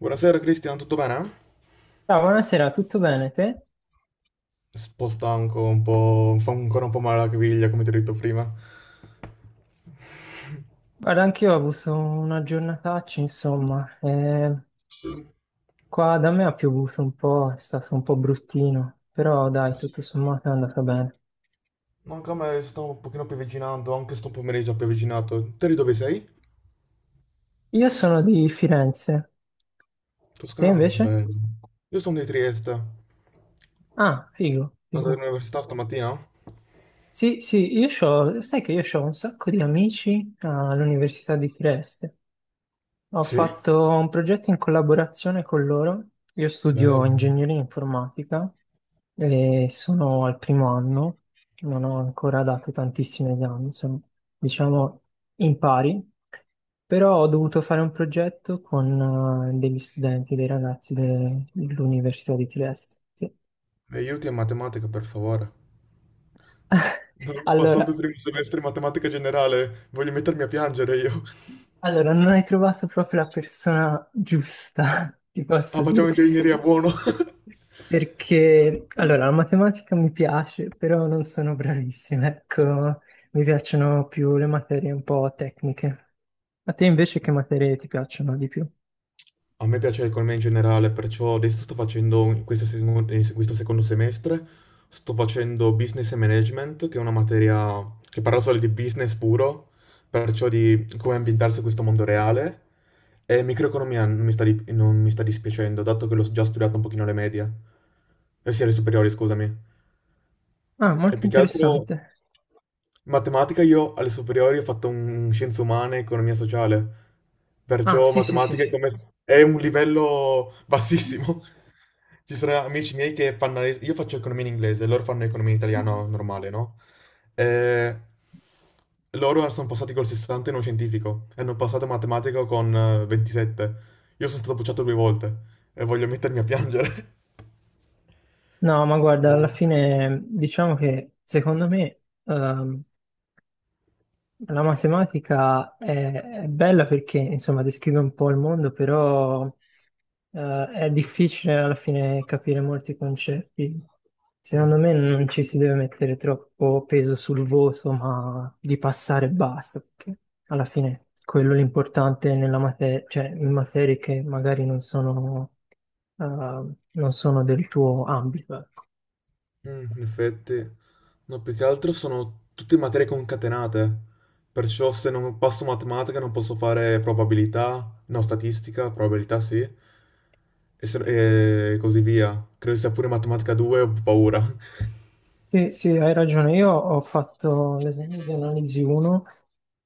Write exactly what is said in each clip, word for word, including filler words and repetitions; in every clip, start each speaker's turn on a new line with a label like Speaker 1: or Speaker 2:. Speaker 1: Buonasera Cristian, tutto bene? Un
Speaker 2: Ciao, buonasera, tutto bene te?
Speaker 1: po' stanco, un po', fa ancora un po' male la caviglia, come ti ho detto prima.
Speaker 2: Guarda, anch'io ho avuto una giornataccia, insomma. Eh,
Speaker 1: Sì,
Speaker 2: qua da me ha piovuto un po', è stato un po' bruttino, però dai,
Speaker 1: ah, sì.
Speaker 2: tutto sommato è andata bene.
Speaker 1: No, anche a me sto un pochino piovigginando, anche sto pomeriggio ha pioviginato. Te di dove sei?
Speaker 2: Io sono di Firenze, te
Speaker 1: Toscana?
Speaker 2: invece?
Speaker 1: Bello. Io sono di Trieste.
Speaker 2: Ah, figo,
Speaker 1: Andate
Speaker 2: figo.
Speaker 1: all'università stamattina?
Speaker 2: Sì, sì, io c'ho, sai che io ho un sacco di amici all'Università di Trieste. Ho
Speaker 1: Sì?
Speaker 2: fatto un progetto in collaborazione con loro. Io studio
Speaker 1: Bello.
Speaker 2: ingegneria informatica e sono al primo anno, non ho ancora dato tantissimi esami, sono diciamo in pari, però ho dovuto fare un progetto con eh, degli studenti, dei ragazzi de- dell'Università di Trieste. Sì.
Speaker 1: Mi aiuti a matematica, per favore. Non ho passato il
Speaker 2: Allora,
Speaker 1: primo semestre in matematica generale, voglio mettermi a piangere io.
Speaker 2: allora, non hai trovato proprio la persona giusta, ti
Speaker 1: Ah,
Speaker 2: posso dire.
Speaker 1: facciamo ingegneria, buono.
Speaker 2: Perché, allora, la matematica mi piace, però non sono bravissima, ecco, mi piacciono più le materie un po' tecniche. A te invece che materie ti piacciono di più?
Speaker 1: A me piace l'economia in generale, perciò adesso sto facendo un- questo, seco- eh, se- questo secondo semestre, sto facendo business e management, che è una materia che parla solo di business puro, perciò di come ambientarsi in questo mondo reale, e microeconomia non mi sta, di- non mi sta dispiacendo, dato che l'ho già studiato un pochino alle medie, eh sì, alle superiori, scusami.
Speaker 2: Ah,
Speaker 1: E
Speaker 2: molto
Speaker 1: più che altro
Speaker 2: interessante.
Speaker 1: matematica io alle superiori ho fatto un scienze umane e economia sociale,
Speaker 2: Ah,
Speaker 1: perciò
Speaker 2: sì, sì, sì,
Speaker 1: matematica è,
Speaker 2: sì.
Speaker 1: come s- è un livello bassissimo. Ci sono amici miei che fanno... le- Io faccio economia in inglese, loro fanno economia in italiano normale, no? E loro sono passati col sessanta in uno scientifico e hanno passato matematica con eh, ventisette. Io sono stato bocciato due volte e voglio mettermi a piangere.
Speaker 2: No, ma guarda,
Speaker 1: Oh.
Speaker 2: alla fine diciamo che secondo me ehm, la matematica è, è bella perché, insomma, descrive un po' il mondo, però eh, è difficile alla fine capire molti concetti.
Speaker 1: Mm.
Speaker 2: Secondo me non ci si deve mettere troppo peso sul voto, ma di passare e basta, perché alla fine quello è l'importante nella materia, cioè in materie che magari non sono, eh, non sono del tuo ambito. Ecco.
Speaker 1: Mm, in effetti, no, più che altro sono tutte materie concatenate, perciò se non passo matematica non posso fare probabilità, no, statistica, probabilità sì, e, se- e così via. Credo sia pure matematica due, ho paura.
Speaker 2: Sì, sì, hai ragione. Io ho fatto l'esame di analisi uno,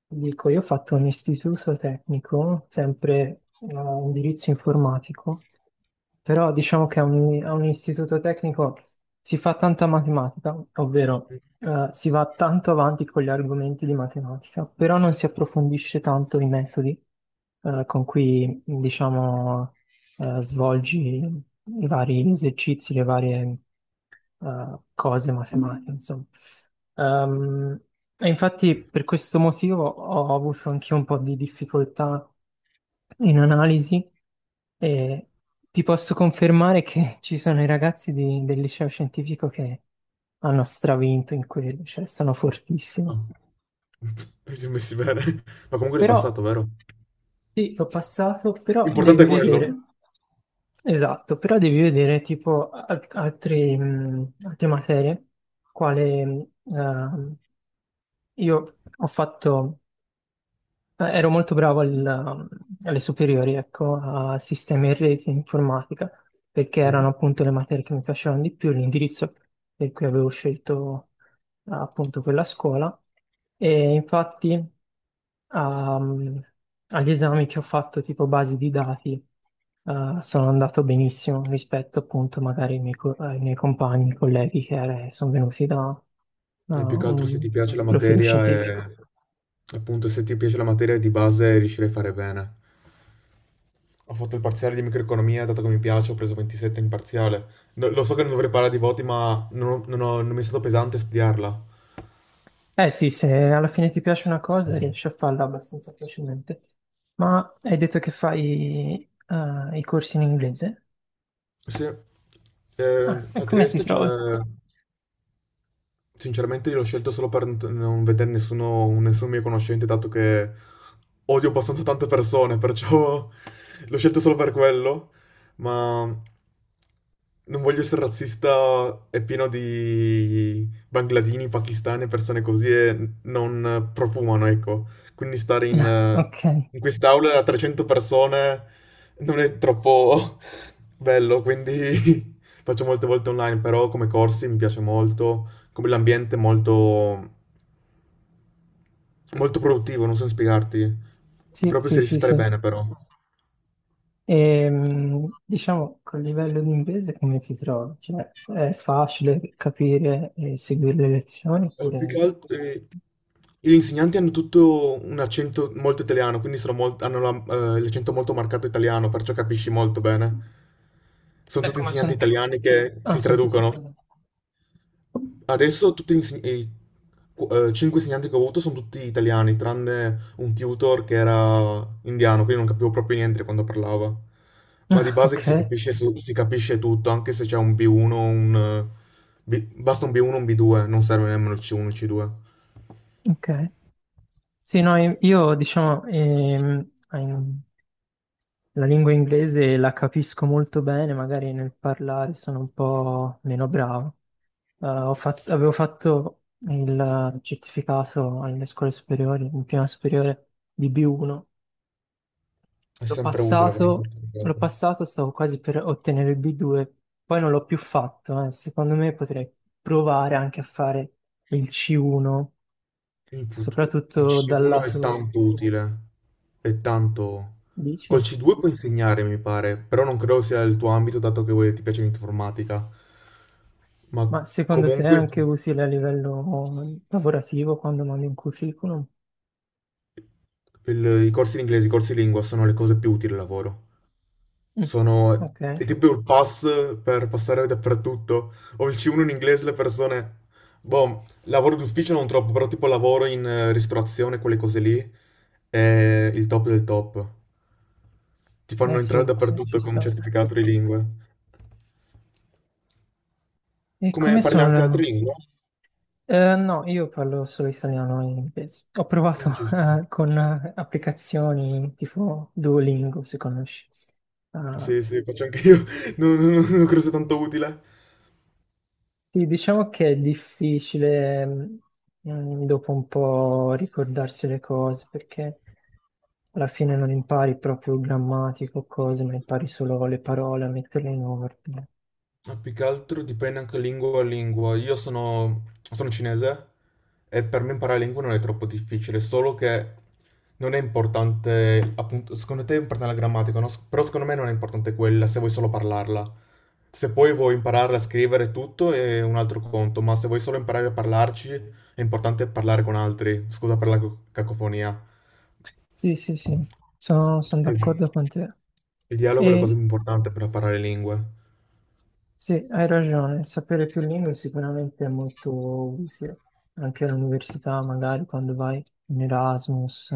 Speaker 2: ti dico, io ho fatto un istituto tecnico, sempre eh, indirizzo informatico, però diciamo che a un, a un istituto tecnico si fa tanta matematica, ovvero
Speaker 1: Mm,
Speaker 2: eh, si va tanto avanti con gli argomenti di matematica, però non si approfondisce tanto i metodi eh, con cui, diciamo, eh, svolgi i vari esercizi, le varie eh, cose matematiche, insomma. Ehm, e infatti per questo motivo ho avuto anche un po' di difficoltà in analisi e ti posso confermare che ci sono i ragazzi di- del liceo scientifico che hanno stravinto in quello, cioè sono fortissimi.
Speaker 1: No, mi sono messi bene, ma comunque l'hai
Speaker 2: Però
Speaker 1: passato, vero?
Speaker 2: sì, l'ho passato, però
Speaker 1: L'importante
Speaker 2: devi
Speaker 1: è quello.
Speaker 2: vedere, esatto, però devi vedere tipo al- altri, mh, altre materie, quale mh, ehm, io ho fatto, eh, ero molto bravo al- ehm, alle superiori, ecco, a sistemi e reti e informatica, perché
Speaker 1: Mm?
Speaker 2: erano appunto le materie che mi piacevano di più, l'indirizzo per cui avevo scelto eh, appunto quella scuola. E infatti ehm, agli esami che ho fatto tipo basi di dati eh, sono andato benissimo rispetto appunto magari ai miei, co- ai miei compagni, colleghi che eh, sono venuti da da
Speaker 1: E più che altro se
Speaker 2: un
Speaker 1: ti piace la
Speaker 2: profilo
Speaker 1: materia
Speaker 2: scientifico.
Speaker 1: e appunto se ti piace la materia di base riuscirei a fare bene. Ho fatto il parziale di microeconomia, dato che mi piace, ho preso ventisette in parziale. No- lo so che non dovrei parlare di voti, ma non, ho- non ho- non mi è stato pesante studiarla.
Speaker 2: Eh sì, se alla fine ti piace una cosa
Speaker 1: Sì.
Speaker 2: riesci a farla abbastanza facilmente. Ma hai detto che fai eh, i corsi in inglese?
Speaker 1: Sì. Eh,
Speaker 2: Ah, e
Speaker 1: a
Speaker 2: come ti
Speaker 1: Trieste c'è.
Speaker 2: trovi?
Speaker 1: Sinceramente io l'ho scelto solo per n- non vedere nessuno, nessun mio conoscente, dato che odio abbastanza tante persone, perciò l'ho scelto solo per quello, ma non voglio essere razzista, è pieno di bangladini, pakistani, persone così e non profumano, ecco. Quindi stare in, eh,
Speaker 2: Ok,
Speaker 1: in quest'aula a trecento persone non è troppo bello, quindi faccio molte volte online, però come corsi mi piace molto come l'ambiente è molto, molto produttivo, non so spiegarti,
Speaker 2: sì,
Speaker 1: proprio se
Speaker 2: sì,
Speaker 1: riesci a
Speaker 2: sì,
Speaker 1: stare
Speaker 2: sì.
Speaker 1: bene però.
Speaker 2: Ehm, diciamo, col livello di inglese come ti trovi? Cioè, è facile capire e seguire le lezioni
Speaker 1: Eh, più
Speaker 2: oppure...
Speaker 1: che altro, eh, gli insegnanti hanno tutto un accento molto italiano, quindi sono molt- hanno la- eh, l'accento molto marcato italiano, perciò capisci molto bene. Sono tutti
Speaker 2: Ecco, ma
Speaker 1: insegnanti
Speaker 2: sono
Speaker 1: italiani che si
Speaker 2: tutti
Speaker 1: traducono.
Speaker 2: italiani.
Speaker 1: Adesso tutti gli inseg- i qu- eh, cinque insegnanti che ho avuto sono tutti italiani, tranne un tutor che era indiano, quindi non capivo proprio niente quando parlava. Ma di base che
Speaker 2: Ok,
Speaker 1: si capisce, su- si capisce tutto, anche se c'è un B uno, un... eh, B- basta un B uno un B due, non serve nemmeno il C uno e il C due.
Speaker 2: ok. Sì, no, io io, diciamo, ehm, la lingua inglese la capisco molto bene, magari nel parlare sono un po' meno bravo. Eh, ho fat- avevo fatto il certificato alle scuole superiori, in prima superiore di B uno.
Speaker 1: È
Speaker 2: L'ho
Speaker 1: sempre utile avere un
Speaker 2: passato, l'ho
Speaker 1: certificato.
Speaker 2: passato, stavo quasi per ottenere il B due, poi non l'ho più fatto. Eh. Secondo me potrei provare anche a fare il C uno,
Speaker 1: In fut- il
Speaker 2: soprattutto dal
Speaker 1: C uno è
Speaker 2: lato,
Speaker 1: tanto utile, è tanto. Col
Speaker 2: dici?
Speaker 1: C due puoi insegnare, mi pare, però non credo sia il tuo ambito, dato che voi- ti piace l'informatica. Ma
Speaker 2: Ma secondo te è
Speaker 1: comunque
Speaker 2: anche utile a livello lavorativo quando mandi un curriculum?
Speaker 1: il- i corsi di inglese, i corsi di lingua sono le cose più utili al lavoro.
Speaker 2: Mm.
Speaker 1: Sono...
Speaker 2: Ok, eh
Speaker 1: È tipo il pass per passare dappertutto. Ho il C uno in inglese, le persone. Boh, lavoro d'ufficio non troppo, però tipo lavoro in eh, ristorazione, quelle cose lì, è il top del top. Ti fanno entrare
Speaker 2: sì, sì, ci
Speaker 1: dappertutto con un
Speaker 2: sta.
Speaker 1: certificato di lingue.
Speaker 2: E
Speaker 1: Come
Speaker 2: come
Speaker 1: parli anche altre
Speaker 2: sono?
Speaker 1: lingue?
Speaker 2: Eh, no, io parlo solo italiano e inglese. Ho provato
Speaker 1: Mm, ci sta.
Speaker 2: eh, con eh, applicazioni tipo Duolingo, se conosci. Ah,
Speaker 1: Sì, sì, faccio anche io. Non, non- non non credo sia tanto utile.
Speaker 2: sì, diciamo che è difficile mm, mm, dopo un po' ricordarsi le cose perché alla fine non impari proprio grammatico o cose, ma impari solo le parole a metterle in ordine.
Speaker 1: Ma più che altro dipende anche lingua a lingua. Io sono, sono cinese e per me imparare lingue non è troppo difficile, solo che non è importante, appunto, secondo te è importante la grammatica, no? S- Però secondo me non è importante quella se vuoi solo parlarla. Se poi vuoi imparare a scrivere tutto è un altro conto, ma se vuoi solo imparare a parlarci è importante parlare con altri. Scusa per la co- cacofonia.
Speaker 2: Sì, sì, sì, sono, sono
Speaker 1: Il,
Speaker 2: d'accordo con te.
Speaker 1: il dialogo è la cosa
Speaker 2: E
Speaker 1: più importante per imparare lingue.
Speaker 2: sì, hai ragione, sapere più lingue sicuramente è molto utile, anche all'università magari quando vai in Erasmus,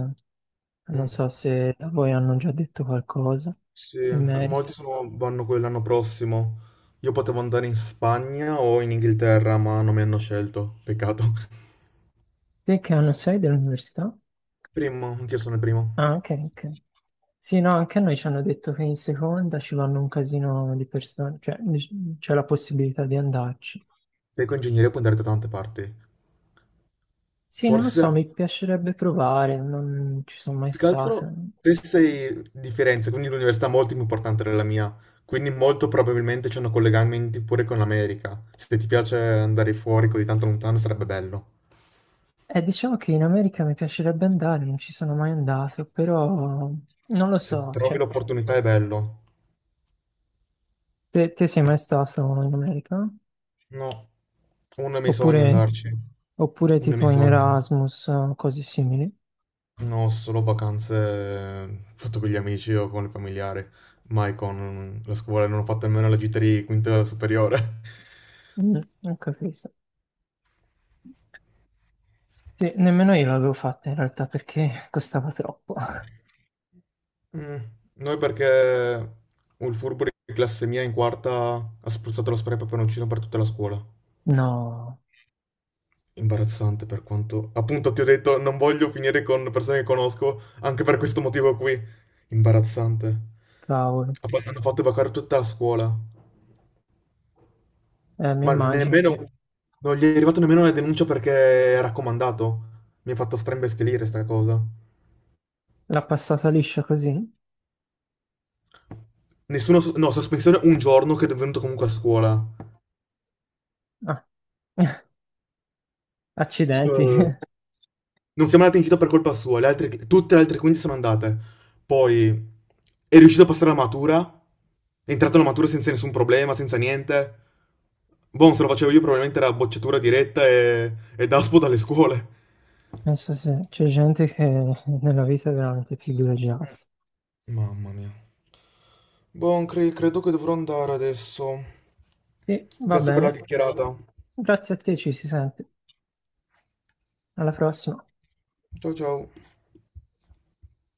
Speaker 2: non
Speaker 1: Mm.
Speaker 2: so se da voi hanno già detto qualcosa
Speaker 1: Sì,
Speaker 2: in
Speaker 1: eh,
Speaker 2: merito.
Speaker 1: molti sono- vanno quello l'anno prossimo. Io potevo andare in Spagna o in Inghilterra, ma non mi hanno scelto. Peccato.
Speaker 2: Te che anno sei dell'università?
Speaker 1: Primo, anch'io sono il primo.
Speaker 2: Ah, ok, ok. Sì, no, anche a noi ci hanno detto che in seconda ci vanno un casino di persone, cioè dic- c'è la possibilità di andarci.
Speaker 1: Sei con ingegneria puoi andare da tante parti.
Speaker 2: Sì, non lo
Speaker 1: Forse,
Speaker 2: so, mi piacerebbe provare, non ci sono mai
Speaker 1: più che
Speaker 2: stato.
Speaker 1: altro, te sei di Firenze, quindi l'università è molto più importante della mia. Quindi molto probabilmente c'hanno collegamenti pure con l'America. Se ti piace andare fuori così tanto lontano sarebbe bello.
Speaker 2: Eh, diciamo che in America mi piacerebbe andare, non ci sono mai andato, però non lo
Speaker 1: Se
Speaker 2: so,
Speaker 1: trovi
Speaker 2: cioè,
Speaker 1: l'opportunità è bello.
Speaker 2: te, te sei mai stato in America?
Speaker 1: No, uno dei miei sogni è
Speaker 2: Oppure,
Speaker 1: andarci,
Speaker 2: oppure
Speaker 1: uno dei
Speaker 2: tipo
Speaker 1: miei
Speaker 2: in
Speaker 1: sogni.
Speaker 2: Erasmus, eh, cose simili?
Speaker 1: No, solo vacanze eh, fatto con gli amici o con i familiari, mai con mm, la scuola, non ho fatto nemmeno la gita di quinta superiore.
Speaker 2: Mm, non capisco. Sì, nemmeno io l'avevo fatta in realtà perché costava troppo.
Speaker 1: Mm, Noi perché il furbo di classe mia in quarta ha spruzzato lo spray peperoncino per tutta la scuola.
Speaker 2: No,
Speaker 1: Imbarazzante per quanto. Appunto, ti ho detto, non voglio finire con persone che conosco anche per questo motivo qui. Imbarazzante.
Speaker 2: cavolo.
Speaker 1: Ha fa- Hanno fatto evacare tutta la scuola.
Speaker 2: Eh, mi
Speaker 1: Ma
Speaker 2: immagino,
Speaker 1: nemmeno.
Speaker 2: sì.
Speaker 1: Non gli è arrivata nemmeno la denuncia perché è raccomandato. Mi ha fatto straimbestialire sta cosa.
Speaker 2: L'ha passata liscia così?
Speaker 1: Nessuno... s- No, sospensione un giorno che è venuto comunque a scuola.
Speaker 2: Ah, accidenti.
Speaker 1: Eh, Non siamo andati in gita per colpa sua, le altre- tutte le altre quindici sono andate. Poi è riuscito a passare la matura, è entrato alla matura senza nessun problema, senza niente. Boh, se lo facevo io probabilmente era bocciatura diretta e, e daspo dalle scuole.
Speaker 2: Penso sì, c'è gente che nella vita è veramente privilegiata.
Speaker 1: Eh. Mamma mia. Boh, cre- credo che dovrò andare adesso.
Speaker 2: Sì, va
Speaker 1: Grazie per la
Speaker 2: bene.
Speaker 1: chiacchierata.
Speaker 2: Grazie a te, ci si sente. Alla prossima.
Speaker 1: Ciao ciao.